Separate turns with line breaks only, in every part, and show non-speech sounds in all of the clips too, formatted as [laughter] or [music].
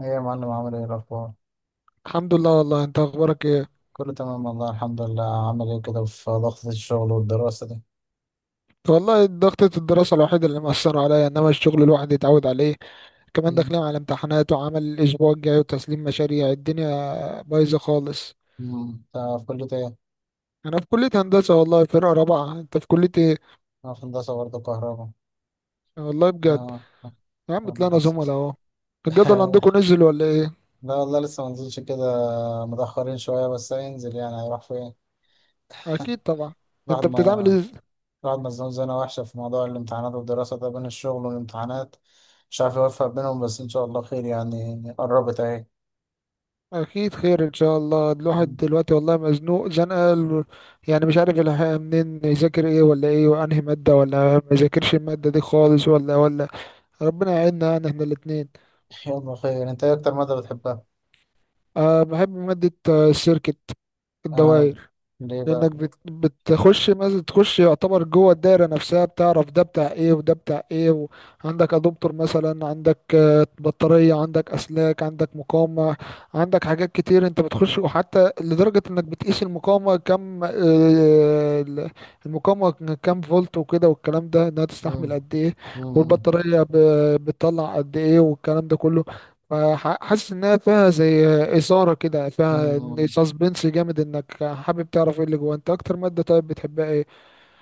ايه يا معلم، عامل ايه الاخبار؟
الحمد لله. والله انت اخبارك ايه؟
كله تمام والله الحمد لله. عامل ايه كده في ضغط الشغل والدراسة دي؟
والله ضغطة الدراسة الوحيدة اللي مأثرة عليا، انما الشغل الواحد يتعود عليه. كمان
مم.
داخلين على امتحانات وعمل الاسبوع الجاي وتسليم مشاريع، الدنيا بايظة خالص.
مم. انت في كلية ايه؟
انا في كلية هندسة والله، فرقة رابعة. انت في كلية ايه؟
انا في هندسة برضه كهرباء.
والله بجد.
اه، آه،
يا عم
آه، ما
طلعنا
حسيت.
زملاء اهو. الجدول عندكم
[laughs]
نزل ولا ايه؟
لا والله لسه ما نزلش كده، متأخرين شوية بس هينزل، يعني هيروح فين؟
اكيد طبعا.
الواحد
انت بتتعامل
ما
ازاي؟
الواحد مزنوق زنقة وحشة في موضوع الامتحانات والدراسة ده، بين الشغل والامتحانات مش عارف يوفق بينهم. بس ان شاء الله خير، يعني قربت اهي.
اكيد خير ان شاء الله. الواحد
مم.
دلوقتي والله مزنوق زنقه يعني، مش عارف منين يذاكر، ايه ولا ايه، وانهي ماده ولا ما يذاكرش الماده دي خالص ولا. ربنا يعيننا يعني احنا الاثنين.
[laughs] يلا خير. انت ايه اكتر مادة بتحبها؟
أه، بحب ماده السيركت،
آه.
الدوائر.
ليه
لانك
بقى؟
بتخش مثلا، تخش يعتبر جوه الدايره نفسها، بتعرف ده بتاع ايه وده بتاع ايه، وعندك ادوبتر مثلا، عندك بطاريه، عندك اسلاك، عندك مقاومه، عندك حاجات كتير. انت بتخش، وحتى لدرجه انك بتقيس المقاومه كم، ال- المقاومه كم فولت وكده، والكلام ده انها
مم.
تستحمل قد ايه،
مم.
والبطاريه بتطلع قد ايه والكلام ده كله. حاسس انها فيها زي اثاره كده، فيها
مم.
سسبنس جامد، انك حابب تعرف ايه اللي جوه. انت اكتر ماده طيب بتحبها ايه؟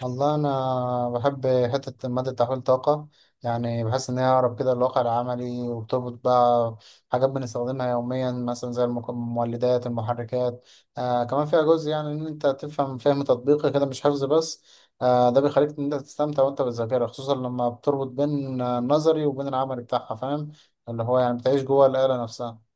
والله أنا بحب حتة مادة تحويل الطاقة. يعني بحس إن هي أقرب كده للواقع العملي، وبتربط بقى حاجات بنستخدمها يوميا، مثلا زي المولدات، المحركات. آه كمان فيها جزء، يعني إن أنت تفهم فهم تطبيقي كده مش حفظ بس. آه ده بيخليك إن أنت تستمتع وأنت بتذاكرها، خصوصا لما بتربط بين النظري وبين العملي بتاعها، فاهم؟ اللي هو يعني بتعيش جوه الآلة نفسها.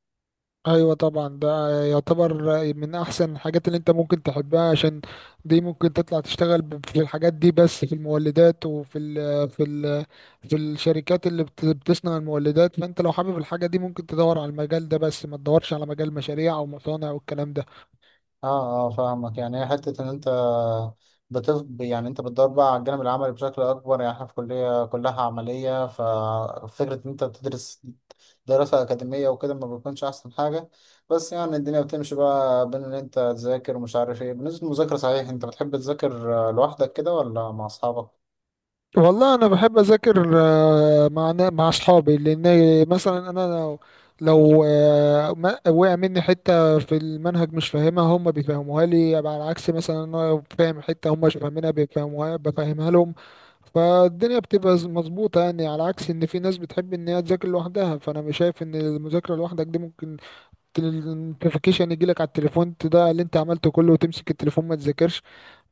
ايوه طبعا. ده يعتبر من احسن الحاجات اللي انت ممكن تحبها، عشان دي ممكن تطلع تشتغل في الحاجات دي، بس في المولدات وفي ال في ال في الشركات اللي بتصنع المولدات. فانت لو حابب الحاجه دي، ممكن تدور على المجال ده، بس ما تدورش على مجال مشاريع او مصانع والكلام ده.
اه اه فاهمك. يعني هي حتة ان انت يعني انت بتدور بقى على الجانب العملي بشكل اكبر. يعني احنا في كلية كلها عملية، ففكرة ان انت بتدرس دراسة اكاديمية وكده ما بيكونش احسن حاجة. بس يعني الدنيا بتمشي بقى بين ان انت تذاكر ومش عارف ايه. بالنسبة للمذاكرة صحيح، انت بتحب تذاكر لوحدك كده ولا مع اصحابك؟
والله انا بحب اذاكر مع مع اصحابي، لان مثلا انا لو وقع مني حته في المنهج مش فاهمها هم بيفهموها لي. يبقى على عكس مثلا، انا لو فاهم حته هم مش فاهمينها بيفهموها، بفهمها لهم. فالدنيا بتبقى مظبوطه يعني، على عكس ان في ناس بتحب ان هي تذاكر لوحدها. فانا مش شايف ان المذاكره لوحدك دي ممكن، النوتيفيكيشن يجيلك على التليفون، ده اللي انت عملته كله، وتمسك التليفون ما تذاكرش.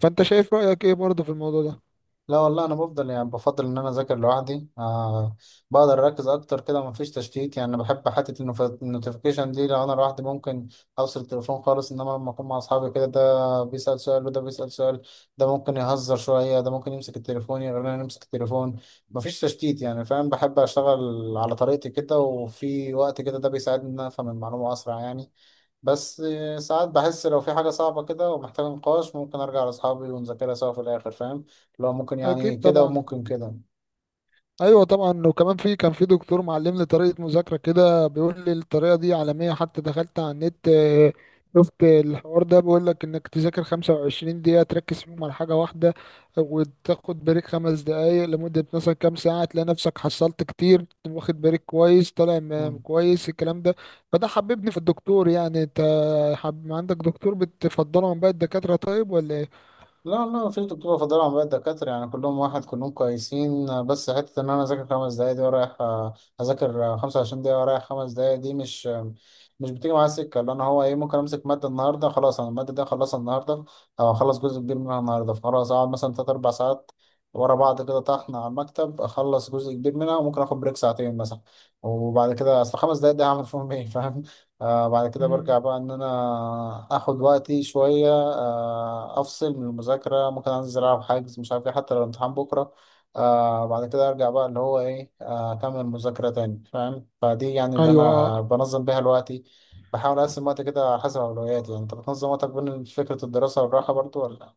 فانت شايف رايك ايه برضه في الموضوع ده؟
لا والله انا بفضل، يعني بفضل ان انا اذاكر لوحدي. آه بقدر اركز اكتر كده، مفيش تشتيت. يعني انا بحب حته النوتيفيكيشن دي. لو انا لوحدي ممكن اوصل التليفون خالص، انما لما اكون مع اصحابي كده ده بيسال سؤال وده بيسال سؤال، ده ممكن يهزر شويه، ده ممكن يمسك التليفون يغير، انا امسك التليفون، مفيش تشتيت يعني، فاهم. بحب اشتغل على طريقتي كده وفي وقت كده، ده بيساعدني ان انا افهم المعلومه اسرع يعني. بس ساعات بحس لو في حاجة صعبة كده ومحتاجة نقاش ممكن أرجع لأصحابي ونذاكرها سوا في الآخر، فاهم؟ لو ممكن
اكيد
يعني كده
طبعا.
وممكن كده.
ايوه طبعا. وكمان في، كان في دكتور معلمني طريقه مذاكره كده، بيقول لي الطريقه دي عالميه، حتى دخلت على النت شفت الحوار ده، بيقول لك انك تذاكر 25 دقيقه تركز فيهم على حاجه واحده، وتاخد بريك خمس دقائق، لمده مثلا كام ساعه تلاقي نفسك حصلت كتير، واخد بريك كويس، طالع كويس الكلام ده. فده حببني في الدكتور يعني. انت عندك دكتور بتفضله عن باقي الدكاتره طيب ولا ايه؟
لا لا، مفيش دكتور بفضل عن باقي الدكاترة، يعني كلهم واحد كلهم كويسين. بس حتة إن أنا أذاكر 5 دقايق دي ورايح أذاكر 25 دقيقة ورايح 5 دقايق دي مش بتيجي معايا. سكة اللي أنا هو إيه؟ ممكن أمسك مادة النهاردة، خلاص أنا المادة دي أخلصها النهاردة أو أخلص جزء كبير منها النهاردة. فخلاص أقعد مثلا تلات أربع ساعات ورا بعض كده طحن على المكتب، أخلص جزء كبير منها، وممكن آخد بريك ساعتين مثلا. وبعد كده أصل 5 دقايق دي هعمل فيهم إيه؟ [laughs] فاهم. آه بعد كده
مم.
برجع بقى ان انا اخد وقتي شوية. آه افصل من المذاكرة، ممكن انزل العب حجز مش عارف ايه، حتى لو الامتحان بكرة. آه بعد كده ارجع بقى اللي هو ايه، اكمل مذاكرة تاني، فاهم؟ فدي يعني اللي
ايوه.
انا بنظم بيها الوقتي. بحاول اقسم وقتي كده على حسب اولوياتي. يعني انت بتنظم وقتك بين فكرة الدراسة والراحة برضو ولا؟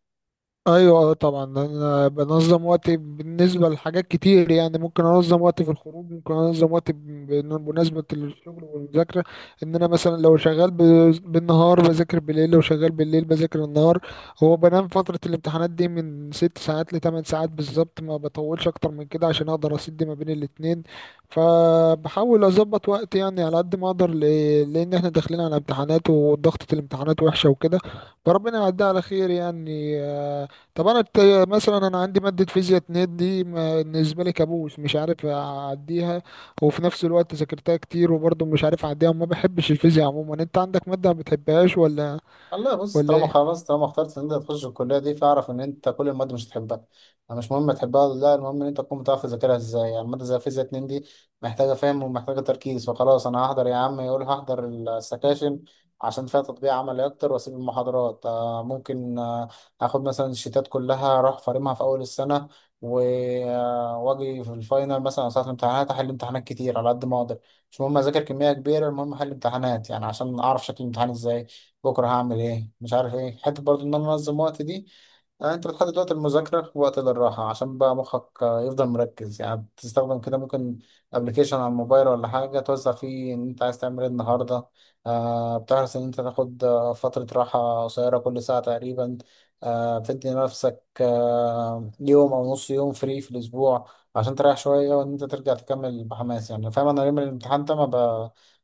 ايوه، آه، طبعا. انا بنظم وقتي بالنسبه لحاجات كتير يعني. ممكن انظم وقتي في الخروج، ممكن انظم وقتي بمناسبه الشغل والمذاكره. ان انا مثلا لو شغال بالنهار بذاكر بالليل، لو شغال بالليل بذاكر النهار. هو بنام فتره الامتحانات دي من ست ساعات لثمان ساعات بالظبط، ما بطولش اكتر من كده عشان اقدر اسد ما بين الاتنين. فبحاول اظبط وقتي يعني على قد ما اقدر، لان احنا داخلين على امتحانات وضغطه الامتحانات وحشه وكده، فربنا يعديها على خير يعني. طب انا الت- مثلا انا عندي ماده فيزياء 2 دي بالنسبه لي كابوس، مش عارف اعديها، وفي نفس الوقت ذاكرتها كتير وبرضه مش عارف اعديها، وما بحبش الفيزياء عموما. انت عندك ماده ما بتحبهاش ولا
والله بص،
ولا
طالما
إيه؟
خلاص طالما اخترت ان انت تخش الكليه دي فاعرف ان انت كل المواد مش هتحبها. يعني مش مهم تحبها ولا لا، المهم ان انت تكون بتعرف تذاكرها ازاي. يعني ماده زي فيزياء 2 دي محتاجه فهم ومحتاجه تركيز، فخلاص انا هحضر يا عم، يقول هحضر السكاشن عشان فيها تطبيق عملي اكتر، واسيب المحاضرات. ممكن اخد مثلا الشيتات كلها اروح فارمها في اول السنه و- واجي في الفاينل مثلا أو ساعه الامتحانات احل امتحانات كتير على قد ما اقدر. مش مهم اذاكر كميه كبيره، المهم احل امتحانات، يعني عشان اعرف شكل الامتحان ازاي، بكره هعمل ايه مش عارف ايه. حته برضو ان انا انظم وقت دي، انت بتحدد وقت المذاكره ووقت للراحه عشان بقى مخك يفضل مركز. يعني بتستخدم كده ممكن ابلكيشن على الموبايل ولا حاجه توزع فيه ان انت عايز تعمل ايه النهارده. آه بتحرص ان انت تاخد فتره راحه قصيره كل ساعه تقريبا. آه بتدي نفسك آه يوم او نص يوم فري في الاسبوع عشان تريح شويه وان انت ترجع تكمل بحماس يعني، فاهم. انا يوم الامتحان ده ما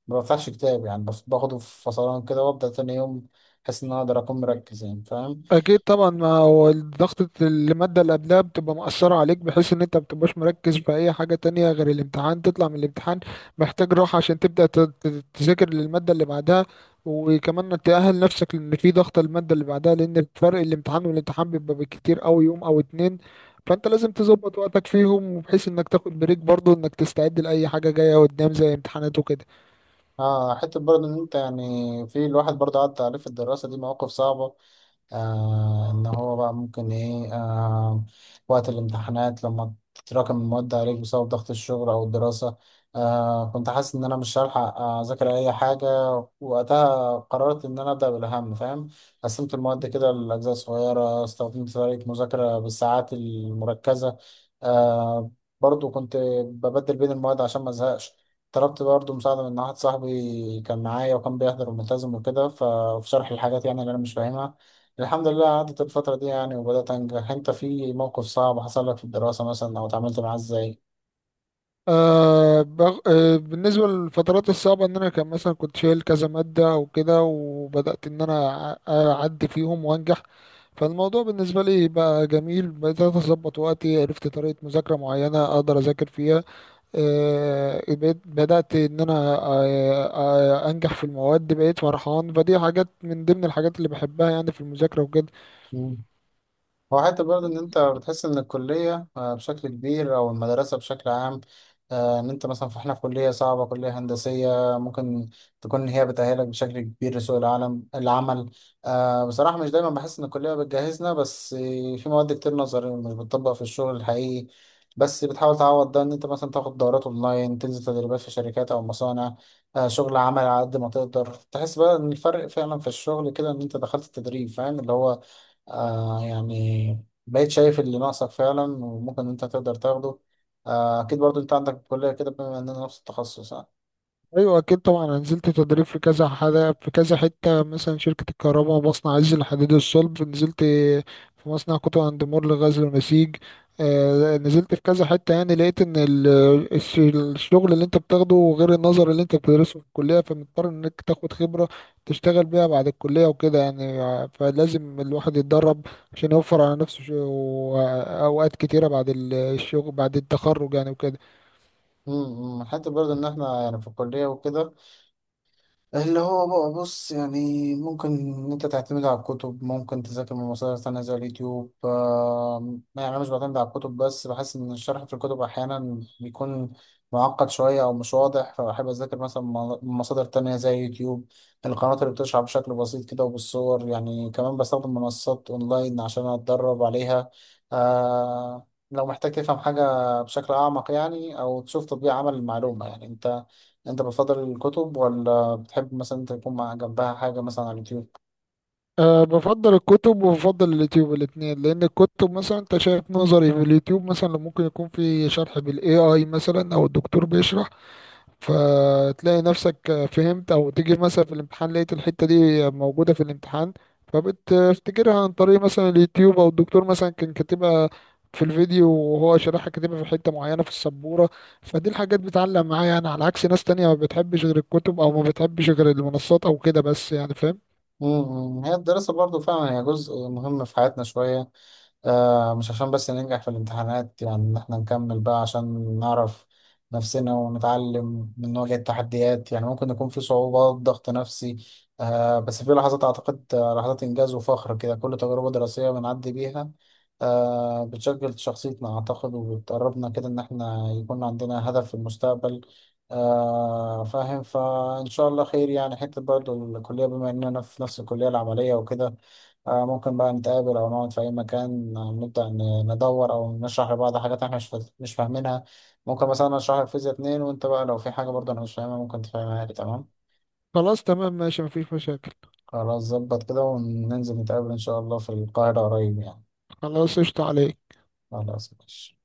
ما بفتحش كتاب، يعني باخده في فصلان كده وابدا تاني يوم. احس ان انا اقدر اكون مركز يعني، فاهم.
اكيد طبعا. ما هو ضغطة المادة اللي قبلها بتبقى مأثرة عليك، بحيث ان انت بتبقاش مركز في اي حاجة تانية غير الامتحان. تطلع من الامتحان محتاج راحة عشان تبدأ تذاكر للمادة اللي بعدها. وكمان تأهل نفسك لان في ضغط المادة اللي بعدها، لان فرق الامتحان والامتحان بيبقى بالكتير اوي يوم او اتنين. فانت لازم تظبط وقتك فيهم، وبحيث انك تاخد بريك برضو، انك تستعد لأي حاجة جاية قدام زي امتحانات وكده.
اه حته برضه ان انت يعني في الواحد برضه عدى عليه في الدراسه دي مواقف صعبه. آه إن هو بقى ممكن إيه، آه وقت الامتحانات لما تتراكم المواد عليك بسبب ضغط الشغل أو الدراسة. آه كنت حاسس إن أنا مش هلحق أذاكر أي حاجة. وقتها قررت إن أنا أبدأ بالأهم، فاهم. قسمت المواد كده لأجزاء صغيرة، استخدمت طريقة مذاكرة بالساعات المركزة. آه برضو كنت ببدل بين المواد عشان ما أزهقش. طلبت برضه مساعدة من واحد صاحبي، كان معايا وكان بيحضر وملتزم وكده، ففي شرح الحاجات يعني اللي أنا مش فاهمها. الحمد لله عدت الفترة دي يعني وبدأت أنجح. أنت في موقف صعب حصل لك في الدراسة مثلا أو اتعاملت معاه إزاي؟
أه بغ... أه بالنسبة للفترات الصعبة، إن أنا كان مثلا كنت شايل كذا مادة أو كده، وبدأت إن أنا أعدي فيهم وأنجح. فالموضوع بالنسبة لي بقى جميل، بدأت أظبط وقتي، عرفت طريقة مذاكرة معينة أقدر أذاكر فيها. أه بدأت إن أنا أه أه أنجح في المواد، بقيت فرحان. فدي حاجات من ضمن الحاجات اللي بحبها يعني في المذاكرة وكده.
مم. هو حتى برضه إن أنت بتحس إن الكلية بشكل كبير، أو المدرسة بشكل عام إن أنت مثلا، فإحنا في كلية صعبة، كلية هندسية، ممكن تكون هي بتأهلك بشكل كبير لسوق العالم العمل. بصراحة مش دايما بحس إن الكلية بتجهزنا، بس في مواد كتير نظري ومش بتطبق في الشغل الحقيقي. بس بتحاول تعوض ده إن أنت مثلا تاخد دورات أونلاين، تنزل تدريبات في شركات أو مصانع. شغل عمل على قد ما تقدر تحس بقى إن الفرق فعلا في الشغل كده إن أنت دخلت التدريب، فاهم؟ اللي هو آه يعني بقيت شايف اللي ناقصك فعلا وممكن انت تقدر تاخده. آه اكيد برضو انت عندك في الكلية كده، بما اننا نفس التخصص، اه.
ايوه اكيد طبعا. انا نزلت تدريب في كذا حاجه، في كذا حته. مثلا شركه الكهرباء ومصنع عز الحديد الصلب، نزلت في مصنع كوتو اند مور لغزل ونسيج، نزلت في كذا حته يعني. لقيت ان الشغل اللي انت بتاخده غير النظر اللي انت بتدرسه في الكليه، فمضطر انك تاخد خبره تشتغل بيها بعد الكليه وكده يعني. فلازم الواحد يتدرب عشان يوفر على نفسه اوقات كتيره بعد الشغل بعد التخرج يعني وكده.
حتى برضو ان احنا يعني في الكلية وكده، اللي هو بقى بص يعني ممكن إن أنت تعتمد على الكتب، ممكن تذاكر من مصادر تانية زي اليوتيوب. يعني أنا مش بعتمد على الكتب بس، بحس إن الشرح في الكتب أحيانا بيكون معقد شوية أو مش واضح، فبحب أذاكر مثلا من مصادر تانية زي اليوتيوب، القنوات اللي بتشرح بشكل بسيط كده وبالصور يعني. كمان بستخدم منصات أونلاين عشان أتدرب عليها. لو محتاج تفهم حاجة بشكل أعمق، يعني أو تشوف تطبيق عمل المعلومة. يعني أنت بتفضل الكتب، ولا بتحب مثلا انت يكون مع جنبها حاجة مثلا على اليوتيوب؟
أه، بفضل الكتب وبفضل اليوتيوب الاتنين، لأن الكتب مثلا أنت شايف نظري، في اليوتيوب مثلا ممكن يكون في شرح بالاي اي مثلا، أو الدكتور بيشرح، فتلاقي نفسك فهمت، أو تيجي مثلا في الامتحان لقيت الحتة دي موجودة في الامتحان، فبتفتكرها عن طريق مثلا اليوتيوب، أو الدكتور مثلا كان كاتبها في الفيديو وهو شرحها، كاتبها في حتة معينة في السبورة. فدي الحاجات بتعلق معايا يعني، على عكس ناس تانية ما بتحبش غير الكتب أو ما بتحبش غير المنصات أو كده، بس يعني فاهم.
مم، هي الدراسة برضو فعلا هي جزء مهم في حياتنا شوية. آه مش عشان بس ننجح في الامتحانات، يعني ان احنا نكمل بقى عشان نعرف نفسنا ونتعلم من نواجه التحديات. يعني ممكن يكون في صعوبات، ضغط نفسي. آه بس في لحظات اعتقد، لحظات انجاز وفخر كده. كل تجربة دراسية بنعدي بيها آه بتشكل شخصيتنا اعتقد، وبتقربنا كده ان احنا يكون عندنا هدف في المستقبل، آه فاهم. فإن شاء الله خير يعني. حتة برضه الكلية بما إننا في نفس الكلية العملية وكده، آه ممكن بقى نتقابل أو نقعد في أي مكان، نبدأ ندور أو نشرح لبعض حاجات إحنا مش فاهمينها. ممكن مثلا أشرح لك فيزياء 2 وأنت بقى لو في حاجة برضه أنا مش فاهمها ممكن تفهمها لي، تمام.
خلاص، تمام، ماشي، مفيش مشاكل.
خلاص ظبط كده، وننزل نتقابل إن شاء الله في القاهرة قريب يعني.
خلاص، قشطة عليك.
خلاص ماشي